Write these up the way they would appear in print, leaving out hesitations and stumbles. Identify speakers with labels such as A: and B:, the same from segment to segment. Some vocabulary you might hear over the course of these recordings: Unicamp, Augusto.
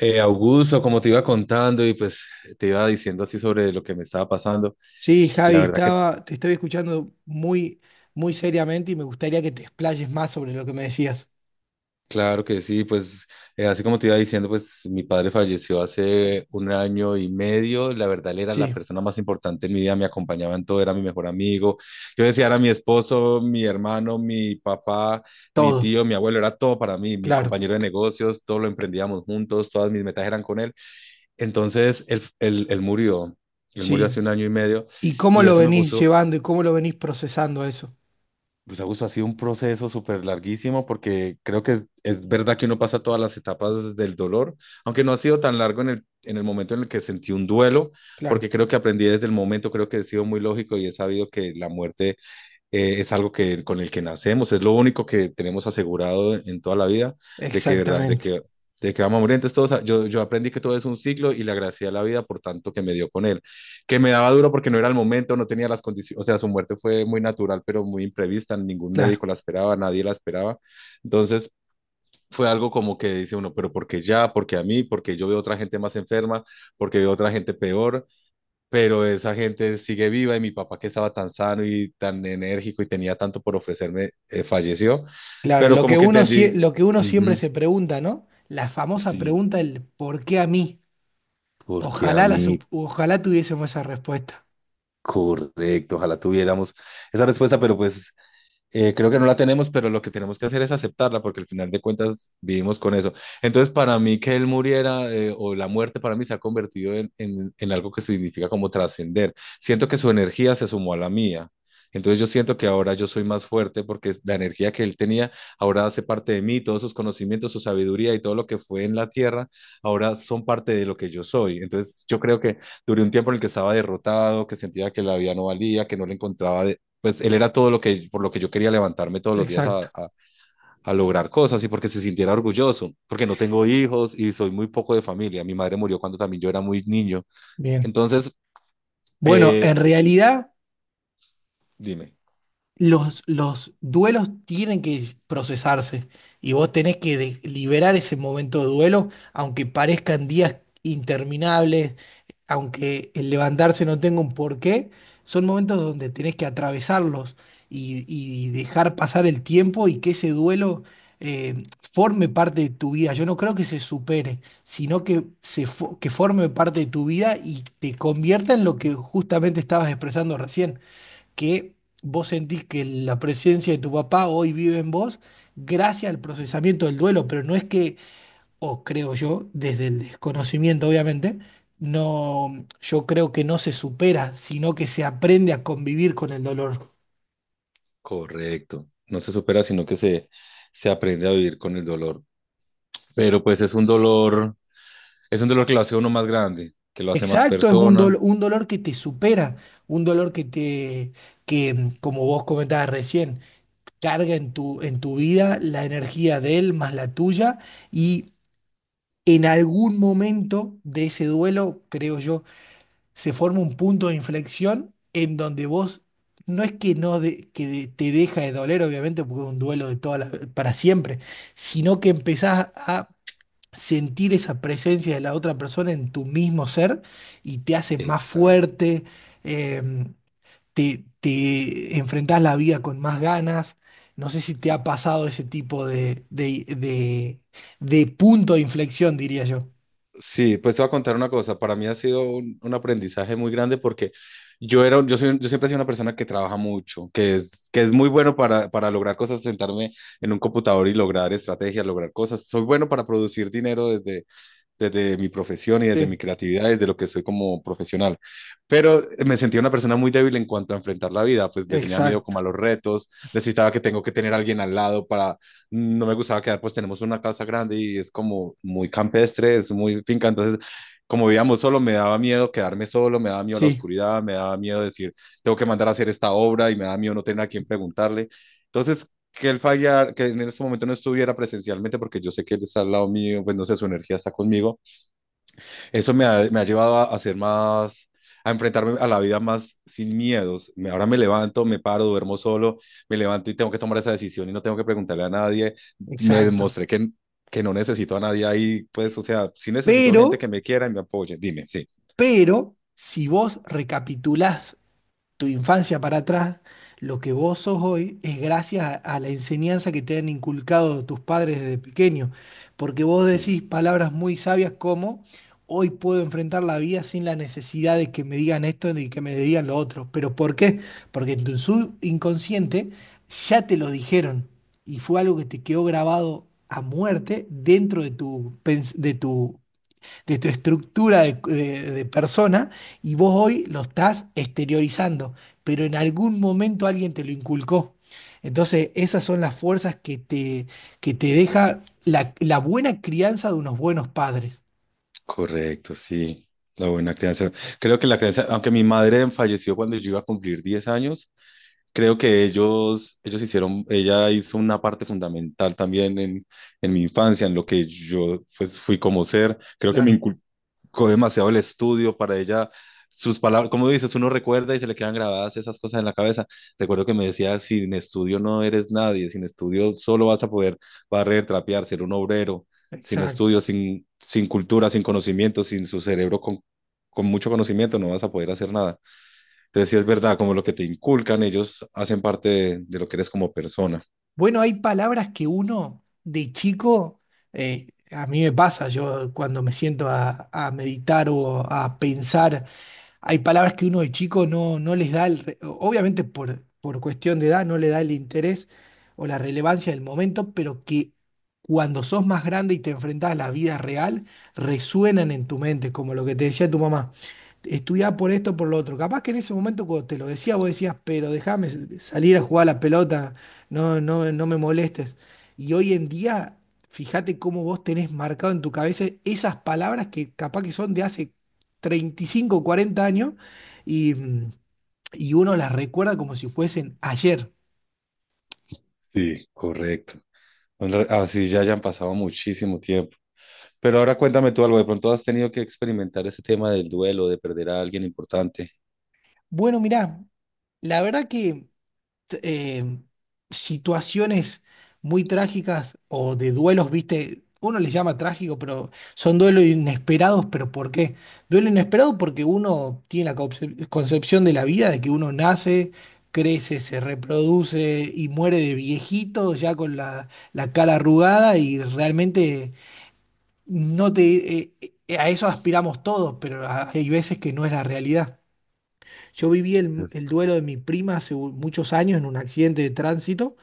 A: Augusto, como te iba contando y pues te iba diciendo así sobre lo que me estaba pasando,
B: Sí, Javi,
A: la verdad que
B: te estaba escuchando muy seriamente y me gustaría que te explayes más sobre lo que me decías.
A: claro que sí, pues así como te iba diciendo, pues mi padre falleció hace un año y medio. La verdad él era la
B: Sí,
A: persona más importante en mi vida, me acompañaba en todo, era mi mejor amigo, yo decía, era mi esposo, mi hermano, mi papá, mi
B: todo,
A: tío, mi abuelo, era todo para mí, mi
B: claro,
A: compañero de negocios, todo lo emprendíamos juntos, todas mis metas eran con él. Entonces él murió, él murió
B: sí.
A: hace un año y medio.
B: ¿Y cómo
A: Y
B: lo
A: eso me
B: venís
A: puso.
B: llevando y cómo lo venís procesando a eso?
A: Pues Augusto, ha sido un proceso súper larguísimo porque creo que es verdad que uno pasa todas las etapas del dolor, aunque no ha sido tan largo en el momento en el que sentí un duelo,
B: Claro,
A: porque creo que aprendí desde el momento. Creo que he sido muy lógico y he sabido que la muerte es algo que, con el que nacemos, es lo único que tenemos asegurado en toda la vida, de que, verdad,
B: exactamente,
A: de que vamos a morir. Entonces, todos, yo aprendí que todo es un ciclo y le agradecí a la vida por tanto que me dio con él, que me daba duro porque no era el momento, no tenía las condiciones. O sea, su muerte fue muy natural, pero muy imprevista, ningún
B: claro,
A: médico la esperaba, nadie la esperaba. Entonces... fue algo como que dice uno, ¿pero porque ya? porque a mí? Porque yo veo otra gente más enferma? Porque veo otra gente peor? Pero esa gente sigue viva y mi papá, que estaba tan sano y tan enérgico y tenía tanto por ofrecerme, falleció.
B: claro.
A: Pero
B: Lo
A: como
B: que
A: que
B: uno,
A: entendí,
B: lo que uno siempre
A: ujú,
B: se pregunta, ¿no? La famosa
A: sí,
B: pregunta del ¿por qué a mí?
A: porque a
B: Ojalá,
A: mí.
B: ojalá tuviésemos esa respuesta.
A: Correcto, ojalá tuviéramos esa respuesta, pero pues creo que no la tenemos, pero lo que tenemos que hacer es aceptarla, porque al final de cuentas vivimos con eso. Entonces, para mí que él muriera o la muerte para mí se ha convertido en algo que significa como trascender. Siento que su energía se sumó a la mía. Entonces yo siento que ahora yo soy más fuerte porque la energía que él tenía ahora hace parte de mí, todos sus conocimientos, su sabiduría y todo lo que fue en la tierra, ahora son parte de lo que yo soy. Entonces yo creo que duré un tiempo en el que estaba derrotado, que sentía que la vida no valía, que no le encontraba, pues él era todo lo que, por lo que yo quería levantarme todos los días
B: Exacto,
A: a lograr cosas y porque se sintiera orgulloso, porque no tengo hijos y soy muy poco de familia. Mi madre murió cuando también yo era muy niño.
B: bien.
A: Entonces,
B: Bueno,
A: eh,
B: en realidad...
A: dime.
B: Los duelos tienen que procesarse y vos tenés que liberar ese momento de duelo, aunque parezcan días interminables, aunque el levantarse no tenga un porqué, son momentos donde tenés que atravesarlos y dejar pasar el tiempo y que ese duelo eh, forme parte de tu vida. Yo no creo que se supere, sino que, que forme parte de tu vida y te convierta en lo que justamente estabas expresando recién que vos sentís que la presencia de tu papá hoy vive en vos gracias al procesamiento del duelo, pero no es que, o creo yo, desde el desconocimiento obviamente, no, yo creo que no se supera, sino que se aprende a convivir con el dolor.
A: Correcto, no se supera, sino que se aprende a vivir con el dolor. Pero pues es un dolor que lo hace uno más grande, que lo hace más
B: Exacto, es un,
A: persona.
B: un dolor que te supera, un dolor que te, que como vos comentabas recién, carga en tu vida la energía de él más la tuya y en algún momento de ese duelo, creo yo, se forma un punto de inflexión en donde vos no es que no de- que de- te deja de doler, obviamente, porque es un duelo de para siempre, sino que empezás a sentir esa presencia de la otra persona en tu mismo ser y te haces más
A: Exacto.
B: fuerte, em, te enfrentás la vida con más ganas. No sé si te ha pasado ese tipo de punto de inflexión, diría yo.
A: Sí, pues te voy a contar una cosa. Para mí ha sido un aprendizaje muy grande porque yo era, yo soy, yo siempre he sido una persona que trabaja mucho, que es muy bueno para lograr cosas, sentarme en un computador y lograr estrategias, lograr cosas. Soy bueno para producir dinero desde, desde mi profesión y desde mi
B: Sí,
A: creatividad, desde lo que soy como profesional. Pero me sentía una persona muy débil en cuanto a enfrentar la vida, pues le tenía miedo como
B: Exacto,
A: a los retos, necesitaba que tengo que tener a alguien al lado para, no me gustaba quedar, pues tenemos una casa grande y es como muy campestre, es muy finca. Entonces como vivíamos solo, me daba miedo quedarme solo, me daba miedo la
B: sí,
A: oscuridad, me daba miedo decir, tengo que mandar a hacer esta obra y me daba miedo no tener a quién preguntarle. Entonces, que él fallara, que en este momento no estuviera presencialmente, porque yo sé que él está al lado mío, pues no sé, su energía está conmigo. Eso me ha llevado a ser más, a enfrentarme a la vida más sin miedos. Ahora me levanto, me paro, duermo solo, me levanto y tengo que tomar esa decisión y no tengo que preguntarle a nadie. Me
B: exacto.
A: demostré que no necesito a nadie ahí, pues, o sea, sí necesito gente
B: Pero
A: que me quiera y me apoye. Dime, sí.
B: Pero si vos recapitulás tu infancia para atrás, lo que vos sos hoy es gracias a la enseñanza que te han inculcado tus padres desde pequeño, porque vos
A: Sí,
B: decís palabras muy sabias como hoy puedo enfrentar la vida sin la necesidad de que me digan esto y que me digan lo otro. ¿Pero por qué? Porque en tu subconsciente ya te lo dijeron y fue algo que te quedó grabado a muerte dentro de tu, de tu de tu estructura de persona y vos hoy lo estás exteriorizando, pero en algún momento alguien te lo inculcó. Entonces, esas son las fuerzas que te deja la, la buena crianza de unos buenos padres.
A: correcto, sí. La buena crianza. Creo que la crianza, aunque mi madre falleció cuando yo iba a cumplir 10 años, creo que ellos hicieron, ella hizo una parte fundamental también en mi infancia, en lo que yo pues fui como ser. Creo que me
B: Claro,
A: inculcó demasiado el estudio para ella. Sus palabras, como dices, uno recuerda y se le quedan grabadas esas cosas en la cabeza. Recuerdo que me decía, sin estudio no eres nadie, sin estudio solo vas a poder barrer, trapear, ser un obrero, sin
B: exacto.
A: estudio, sin, sin cultura, sin conocimiento, sin su cerebro con mucho conocimiento no vas a poder hacer nada. Entonces, sí es verdad, como lo que te inculcan, ellos hacen parte de lo que eres como persona.
B: Bueno, hay palabras que uno de chico, a mí me pasa, yo cuando me siento a meditar o a pensar hay palabras que uno de chico no, no les da, obviamente por cuestión de edad, no le da el interés o la relevancia del momento, pero que cuando sos más grande y te enfrentás a la vida real, resuenan en tu mente, como lo que te decía tu mamá. Estudiá por esto, por lo otro. Capaz que en ese momento cuando te lo decía, vos decías, pero déjame salir a jugar a la pelota, no me molestes. Y hoy en día, fíjate cómo vos tenés marcado en tu cabeza esas palabras que capaz que son de hace 35, 40 años y, y uno las recuerda como si fuesen ayer.
A: Sí, correcto. Bueno, así ya hayan pasado muchísimo tiempo. Pero ahora cuéntame tú algo, de pronto has tenido que experimentar ese tema del duelo, de perder a alguien importante.
B: Bueno, mirá, la verdad que t- eh, situaciones muy trágicas o de duelos, viste, uno les llama trágico, pero son duelos inesperados, pero ¿por qué? Duelo inesperado porque uno tiene la concepción de la vida, de que uno nace, crece, se reproduce y muere de viejito, ya con la, la cara arrugada y realmente No te, a eso aspiramos todos, pero hay veces que no es la realidad. Yo viví
A: Es-
B: el duelo de mi prima hace muchos años en un accidente de tránsito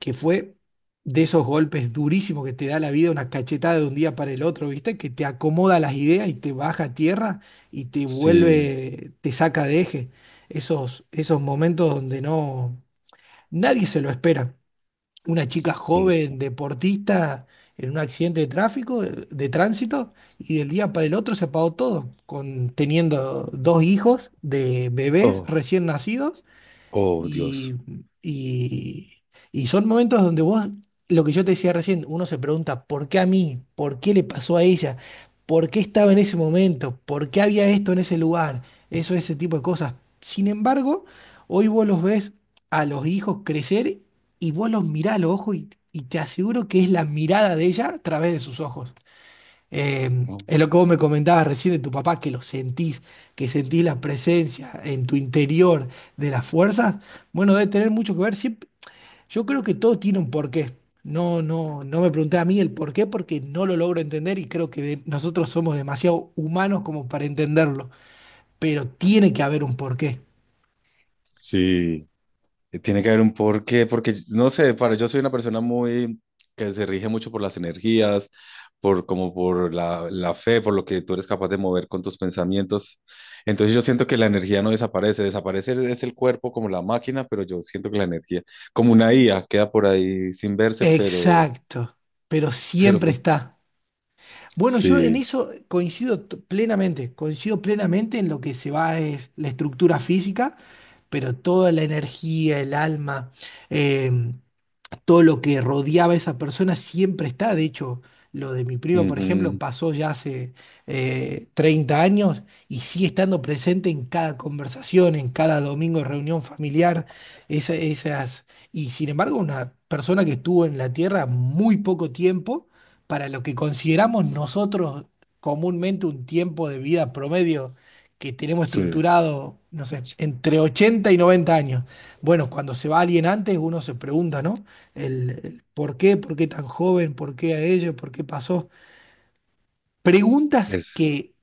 B: que fue de esos golpes durísimos que te da la vida, una cachetada de un día para el otro, ¿viste? Que te acomoda las ideas y te baja a tierra y te
A: Sí,
B: vuelve, te saca de eje. Esos, esos momentos donde no, nadie se lo espera, una chica joven,
A: eso.
B: deportista, en un accidente de tráfico, de tránsito, y del día para el otro se apagó todo, con, teniendo dos hijos de bebés
A: Oh,
B: recién nacidos
A: oh, Dios.
B: y, y, y son momentos donde vos, lo que yo te decía recién, uno se pregunta, ¿por qué a mí? ¿Por qué le pasó a ella? ¿Por qué estaba en ese momento? ¿Por qué había esto en ese lugar? Eso, ese tipo de cosas. Sin embargo, hoy vos los ves a los hijos crecer y vos los mirás a los ojos y te aseguro que es la mirada de ella a través de sus ojos.
A: Oh,
B: Es lo que
A: oh.
B: vos me comentabas recién de tu papá, que lo sentís, que sentís la presencia en tu interior de las fuerzas. Bueno, debe tener mucho que ver. Yo creo que todo tiene un porqué. No, no, no me pregunté a mí el porqué porque no lo logro entender y creo que nosotros somos demasiado humanos como para entenderlo. Pero tiene que haber un porqué.
A: Sí. Tiene que haber un porqué, porque no sé, para, yo soy una persona muy que se rige mucho por las energías, por como por la fe, por lo que tú eres capaz de mover con tus pensamientos. Entonces yo siento que la energía no desaparece, desaparece es el cuerpo como la máquina, pero yo siento que la energía, como una IA, queda por ahí sin verse, pero,
B: Exacto. Pero
A: pero
B: siempre está. Bueno, yo en
A: sí,
B: eso coincido plenamente, coincido plenamente en lo que se va es la estructura física, pero toda la energía, el alma. eh, todo lo que rodeaba a esa persona siempre está. De hecho, lo de mi prima, por ejemplo,
A: ujú,
B: pasó ya hace 30 años y sigue estando presente en cada conversación, en cada domingo de reunión familiar, esas. Y sin embargo, una persona que estuvo en la Tierra muy poco tiempo para lo que consideramos nosotros comúnmente un tiempo de vida promedio. Que tenemos
A: sí,
B: estructurado, no sé, entre 80 y 90 años. Bueno, cuando se va alguien antes, uno se pregunta, ¿no? El por qué tan joven, por qué a ellos por qué pasó. Preguntas
A: es.
B: que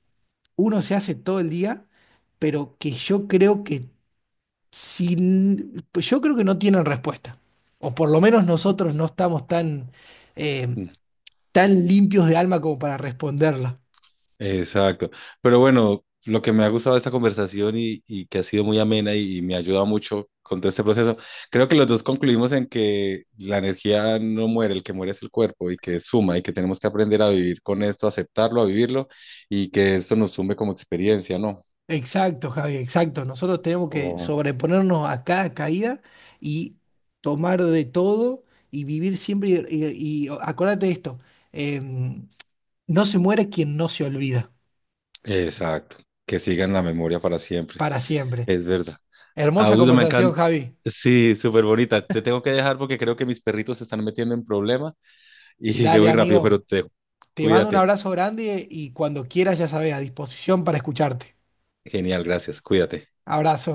B: uno se hace todo el día, pero que yo creo que sin, pues yo creo que no tienen respuesta. O por lo menos nosotros no estamos tan, eh, tan limpios de alma como para responderla.
A: Exacto. Pero bueno, lo que me ha gustado de esta conversación y que ha sido muy amena y me ha ayudado mucho con todo este proceso, creo que los dos concluimos en que la energía no muere, el que muere es el cuerpo y que suma y que tenemos que aprender a vivir con esto, aceptarlo, a vivirlo y que esto nos sume como experiencia, ¿no?
B: Exacto, Javi, exacto. Nosotros tenemos que
A: O-
B: sobreponernos a cada caída y tomar de todo y vivir siempre. Y acuérdate de esto: eh, no se muere quien no se olvida,
A: exacto. Que siga en la memoria para siempre.
B: para siempre.
A: Es verdad.
B: Hermosa
A: Augusto, me
B: conversación,
A: encanta.
B: Javi.
A: Sí, súper bonita. Te tengo que dejar porque creo que mis perritos se están metiendo en problema y
B: Dale,
A: debo ir rápido, pero
B: amigo.
A: te
B: Te mando un
A: cuídate.
B: abrazo grande y cuando quieras, ya sabes, a disposición para escucharte.
A: Genial, gracias. Cuídate.
B: Abrazo.